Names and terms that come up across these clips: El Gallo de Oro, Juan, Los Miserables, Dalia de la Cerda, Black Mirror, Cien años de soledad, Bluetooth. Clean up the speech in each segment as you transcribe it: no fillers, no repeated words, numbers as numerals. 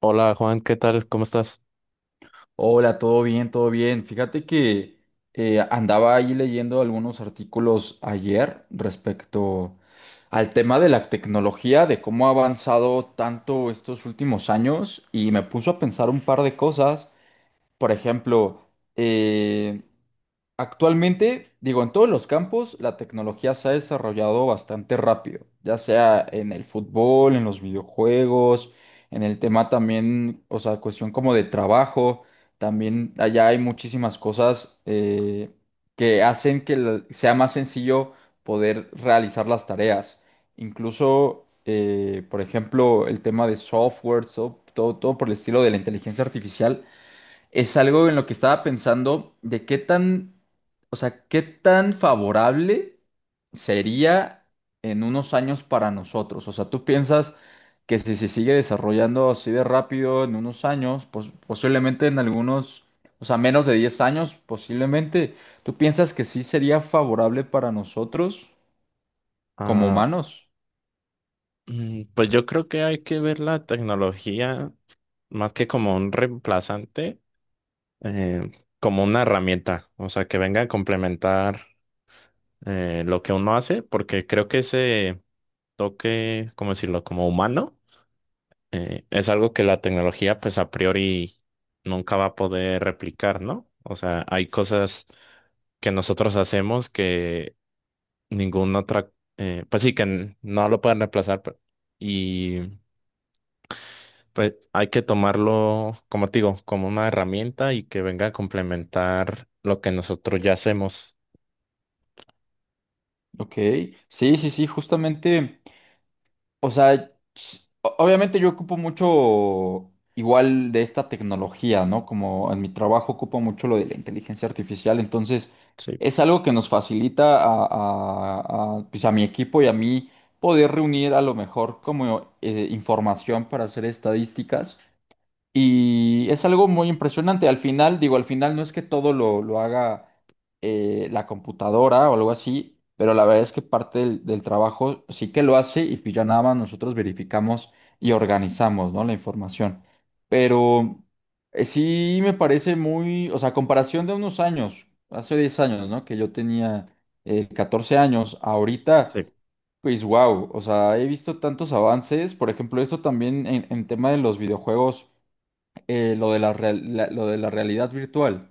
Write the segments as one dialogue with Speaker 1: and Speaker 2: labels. Speaker 1: Hola Juan, ¿qué tal? ¿Cómo estás?
Speaker 2: Hola, todo bien, todo bien. Fíjate que andaba ahí leyendo algunos artículos ayer respecto al tema de la tecnología, de cómo ha avanzado tanto estos últimos años y me puso a pensar un par de cosas. Por ejemplo, eh, actualmente, digo, en todos los campos la tecnología se ha desarrollado bastante rápido, ya sea en el fútbol, en los videojuegos, en el tema también, o sea, cuestión como de trabajo, también allá hay muchísimas cosas que hacen que sea más sencillo poder realizar las tareas. Incluso, por ejemplo, el tema de software, todo por el estilo de la inteligencia artificial es algo en lo que estaba pensando de qué tan, o sea, qué tan favorable sería en unos años para nosotros. O sea, tú piensas que si se sigue desarrollando así de rápido en unos años, pues posiblemente en algunos, o sea, menos de 10 años, posiblemente, ¿tú piensas que sí sería favorable para nosotros como
Speaker 1: Ah,
Speaker 2: humanos?
Speaker 1: pues yo creo que hay que ver la tecnología más que como un reemplazante, eh, como una herramienta, o sea, que venga a complementar lo que uno hace, porque creo que ese toque, ¿cómo decirlo?, como humano, es algo que la tecnología pues a priori nunca va a poder replicar, ¿no? O sea, hay cosas que nosotros hacemos ninguna otra, pues sí, que no lo pueden reemplazar y pues hay que tomarlo, como te digo, como una herramienta y que venga a complementar lo que nosotros ya hacemos.
Speaker 2: Ok, sí, sí, sí, justamente. O sea, obviamente yo ocupo mucho igual de esta tecnología, ¿no? Como en mi trabajo ocupo mucho lo de la inteligencia artificial, entonces
Speaker 1: Sí,
Speaker 2: es algo que nos facilita pues a mi equipo y a mí poder reunir a lo mejor como información para hacer estadísticas. Y es algo muy impresionante. Al final, digo, al final no es que todo lo haga la computadora o algo así, pero la verdad es que parte del trabajo sí que lo hace y pues ya nada más nosotros verificamos y organizamos, ¿no? La información. Pero sí me parece muy, o sea, a comparación de unos años, hace 10 años, ¿no? Que yo tenía 14 años, ahorita...
Speaker 1: sí,
Speaker 2: Pues wow, o sea, he visto tantos avances, por ejemplo, esto también en tema de los videojuegos, lo de lo de la realidad virtual,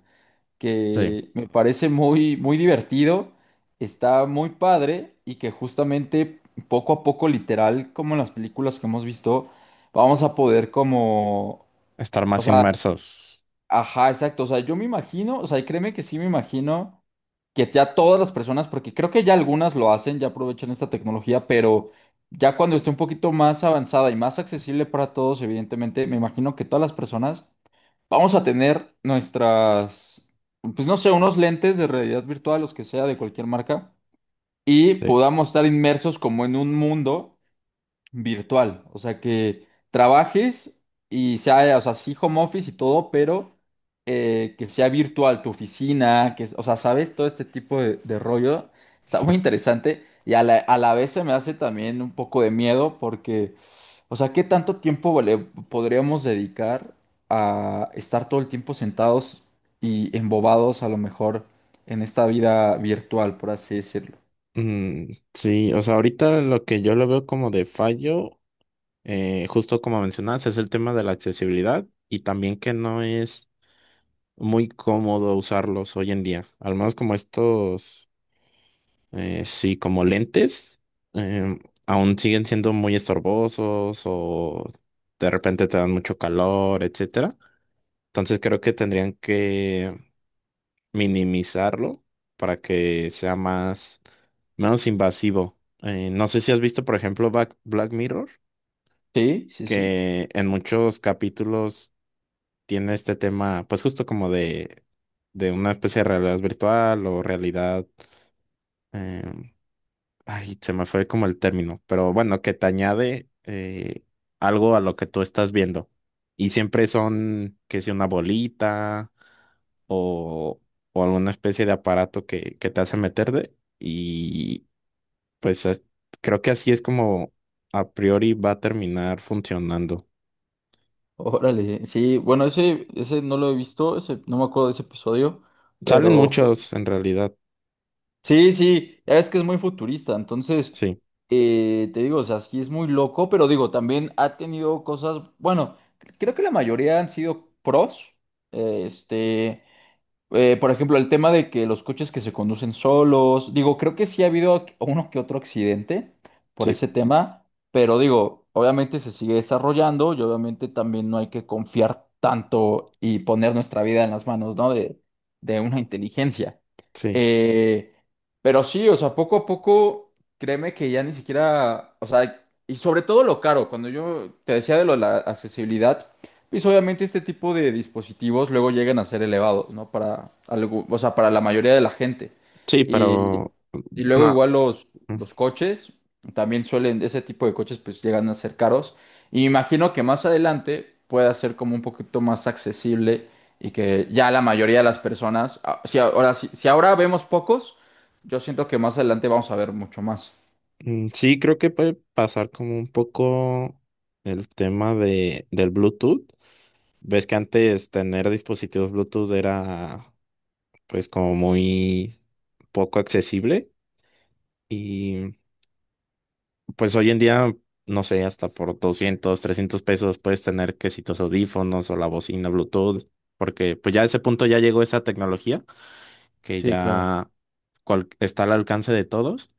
Speaker 1: sí,
Speaker 2: que me parece muy, muy divertido, está muy padre y que justamente poco a poco, literal, como en las películas que hemos visto, vamos a poder como...
Speaker 1: estar más inmersos.
Speaker 2: Ajá, exacto. O sea, yo me imagino, o sea, y créeme que sí me imagino que ya todas las personas, porque creo que ya algunas lo hacen, ya aprovechan esta tecnología, pero ya cuando esté un poquito más avanzada y más accesible para todos, evidentemente, me imagino que todas las personas vamos a tener nuestras, pues no sé, unos lentes de realidad virtual, los que sea, de cualquier marca, y
Speaker 1: Sí.
Speaker 2: podamos estar inmersos como en un mundo virtual, o sea, que trabajes y sea, o sea, sí home office y todo, pero que sea virtual tu oficina, que, o sea, sabes, todo este tipo de rollo está muy interesante y a a la vez se me hace también un poco de miedo porque, o sea, ¿qué tanto tiempo le podríamos dedicar a estar todo el tiempo sentados y embobados a lo mejor en esta vida virtual, por así decirlo?
Speaker 1: Sí, o sea, ahorita lo que yo lo veo como de fallo, justo como mencionas, es el tema de la accesibilidad y también que no es muy cómodo usarlos hoy en día, al menos como estos. Sí, como lentes, em, aún siguen siendo muy estorbosos o de repente te dan mucho calor, etcétera. Entonces creo que tendrían que minimizarlo para que sea más menos invasivo. No sé si has visto, por ejemplo, Black Mirror,
Speaker 2: Sí, sí, sí.
Speaker 1: que en muchos capítulos tiene este tema, pues justo como de una especie de realidad virtual o realidad em, Ay, se me fue como el término, pero bueno, que te añade algo a lo que tú estás viendo. Y siempre son, que si una bolita o, o alguna especie de aparato que te hace meter de. Y pues creo que así es como a priori va a terminar funcionando.
Speaker 2: Órale, sí, bueno, ese no lo he visto, ese, no me acuerdo de ese episodio,
Speaker 1: Salen
Speaker 2: pero
Speaker 1: muchos en realidad,
Speaker 2: sí, sí, ya ves que es muy futurista, entonces,
Speaker 1: sí,
Speaker 2: te digo, o sea, sí es muy loco, pero digo, también ha tenido cosas, bueno, creo que la mayoría han sido pros, eh, este, por ejemplo, el tema de que los coches que se conducen solos, digo, creo que sí ha habido uno que otro accidente por
Speaker 1: sí,
Speaker 2: ese tema, pero digo, obviamente se sigue desarrollando y obviamente también no hay que confiar tanto y poner nuestra vida en las manos, ¿no? De una inteligencia.
Speaker 1: sí,
Speaker 2: Eh, pero sí, o sea, poco a poco, créeme que ya ni siquiera, o sea, y sobre todo lo caro, cuando yo te decía de lo de la accesibilidad. Pues obviamente este tipo de dispositivos luego llegan a ser elevados, ¿no? Para algo, o sea, para la mayoría de la gente.
Speaker 1: sí,
Speaker 2: Y,
Speaker 1: pero
Speaker 2: y luego
Speaker 1: bueno.
Speaker 2: igual los coches, también suelen, ese tipo de coches pues llegan a ser caros. Y me imagino que más adelante pueda ser como un poquito más accesible y que ya la mayoría de las personas, ah, si ahora, si ahora vemos pocos, yo siento que más adelante vamos a ver mucho más.
Speaker 1: Sí, creo que puede pasar como un poco el tema del Bluetooth. Ves que antes tener dispositivos Bluetooth era pues como muy poco accesible y pues hoy en día, no sé, hasta por 200, 300 pesos puedes tener que si tus audífonos o la bocina Bluetooth, porque pues ya a ese punto ya llegó esa tecnología que
Speaker 2: Sí, claro.
Speaker 1: ya está al alcance de todos.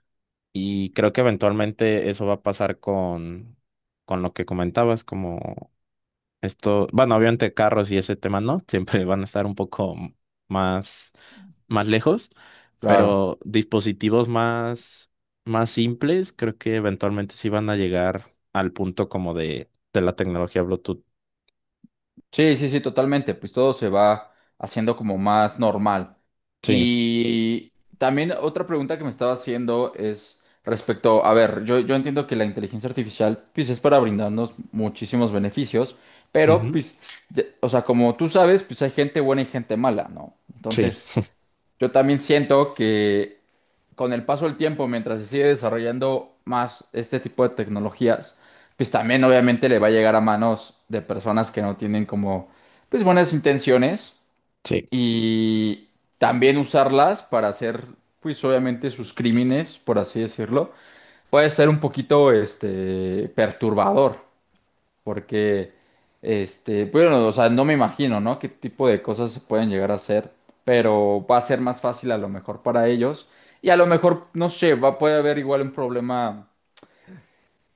Speaker 1: Y creo que eventualmente eso va a pasar con lo que comentabas, como esto, bueno, obviamente carros y ese tema no, siempre van a estar un poco más, más lejos,
Speaker 2: Claro.
Speaker 1: pero dispositivos más, más simples, creo que eventualmente sí van a llegar al punto como de la tecnología Bluetooth.
Speaker 2: Sí, sí, sí, totalmente. Pues todo se va haciendo como más normal.
Speaker 1: Sí,
Speaker 2: Y también otra pregunta que me estaba haciendo es respecto, a ver, yo entiendo que la inteligencia artificial pues es para brindarnos muchísimos beneficios, pero
Speaker 1: ujú,
Speaker 2: pues, o sea, como tú sabes, pues hay gente buena y gente mala, ¿no?
Speaker 1: sí,
Speaker 2: Entonces, yo también siento que con el paso del tiempo, mientras se sigue desarrollando más este tipo de tecnologías, pues también obviamente le va a llegar a manos de personas que no tienen como, pues buenas intenciones
Speaker 1: sí.
Speaker 2: y también usarlas para hacer, pues obviamente sus crímenes, por así decirlo, puede ser un poquito, este, perturbador. Porque, este, bueno, o sea, no me imagino, ¿no? Qué tipo de cosas se pueden llegar a hacer, pero va a ser más fácil a lo mejor para ellos. Y a lo mejor, no sé, va, puede haber igual un problema.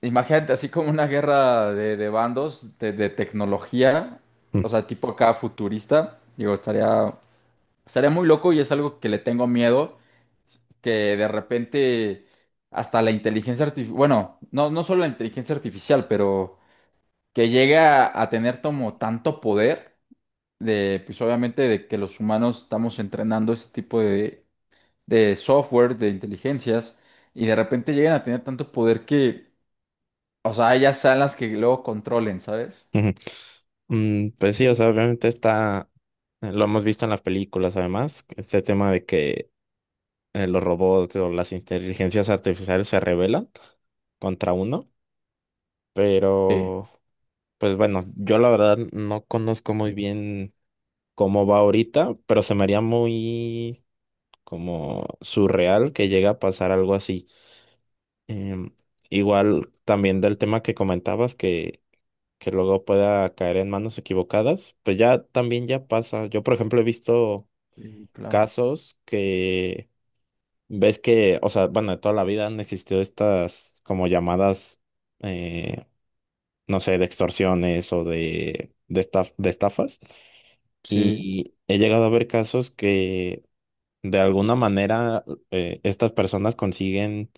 Speaker 2: Imagínate, así como una guerra de bandos, de tecnología,
Speaker 1: mm,
Speaker 2: o sea, tipo acá futurista, digo, estaría muy loco y es algo que le tengo miedo, que de repente hasta la inteligencia artificial, bueno, no, no solo la inteligencia artificial, pero que llega a tener como tanto poder de, pues obviamente de que los humanos estamos entrenando ese tipo de software, de inteligencias, y de repente llegan a tener tanto poder que, o sea, ellas sean las que luego controlen, ¿sabes?
Speaker 1: Ujú. Pues sí, o sea, obviamente está, lo hemos visto en las películas además, este tema de que los robots o las inteligencias artificiales se rebelan contra uno,
Speaker 2: Sí.
Speaker 1: pero pues bueno, yo la verdad no conozco muy bien cómo va ahorita, pero se me haría muy como surreal que llegue a pasar algo así. Em, Igual también del tema que comentabas que luego pueda caer en manos equivocadas, pues ya también ya pasa. Yo, por ejemplo, he visto
Speaker 2: Sí, claro.
Speaker 1: casos que ves que, o sea, bueno, de toda la vida han existido estas como llamadas, eh, no sé, de extorsiones o de, de estafas.
Speaker 2: Sí,
Speaker 1: Y he llegado a ver casos que de alguna manera estas personas consiguen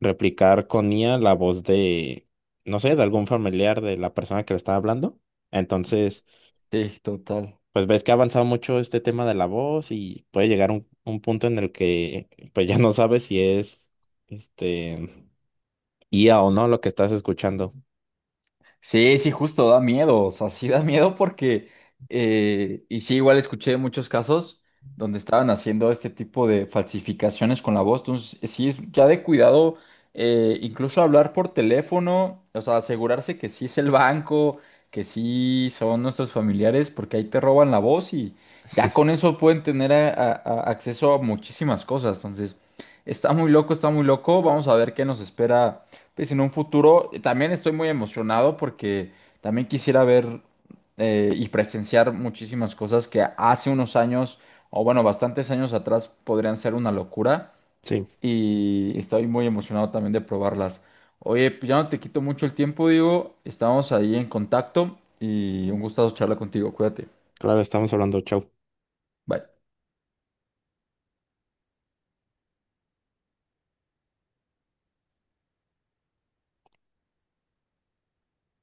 Speaker 1: replicar con IA la voz de, no sé, de algún familiar de la persona que le está hablando. Entonces,
Speaker 2: sí, total.
Speaker 1: pues ves que ha avanzado mucho este tema de la voz y puede llegar un punto en el que pues ya no sabes si es este IA o no lo que estás escuchando.
Speaker 2: Sí, sí, justo da miedo, o sea, sí da miedo porque, y sí, igual escuché muchos casos donde estaban haciendo este tipo de falsificaciones con la voz, entonces sí es ya de cuidado, incluso hablar por teléfono, o sea, asegurarse que sí es el banco, que sí son nuestros familiares, porque ahí te roban la voz y ya con eso pueden tener acceso a muchísimas cosas, entonces está muy loco, vamos a ver qué nos espera pues en un futuro también estoy muy emocionado porque también quisiera ver y presenciar muchísimas cosas que hace unos años, o bueno, bastantes años atrás podrían ser una locura
Speaker 1: Sí,
Speaker 2: y estoy muy emocionado también de probarlas. Oye, pues ya no te quito mucho el tiempo, digo, estamos ahí en contacto y un gustazo charlar contigo, cuídate.
Speaker 1: claro, estamos hablando, chau.
Speaker 2: Bye.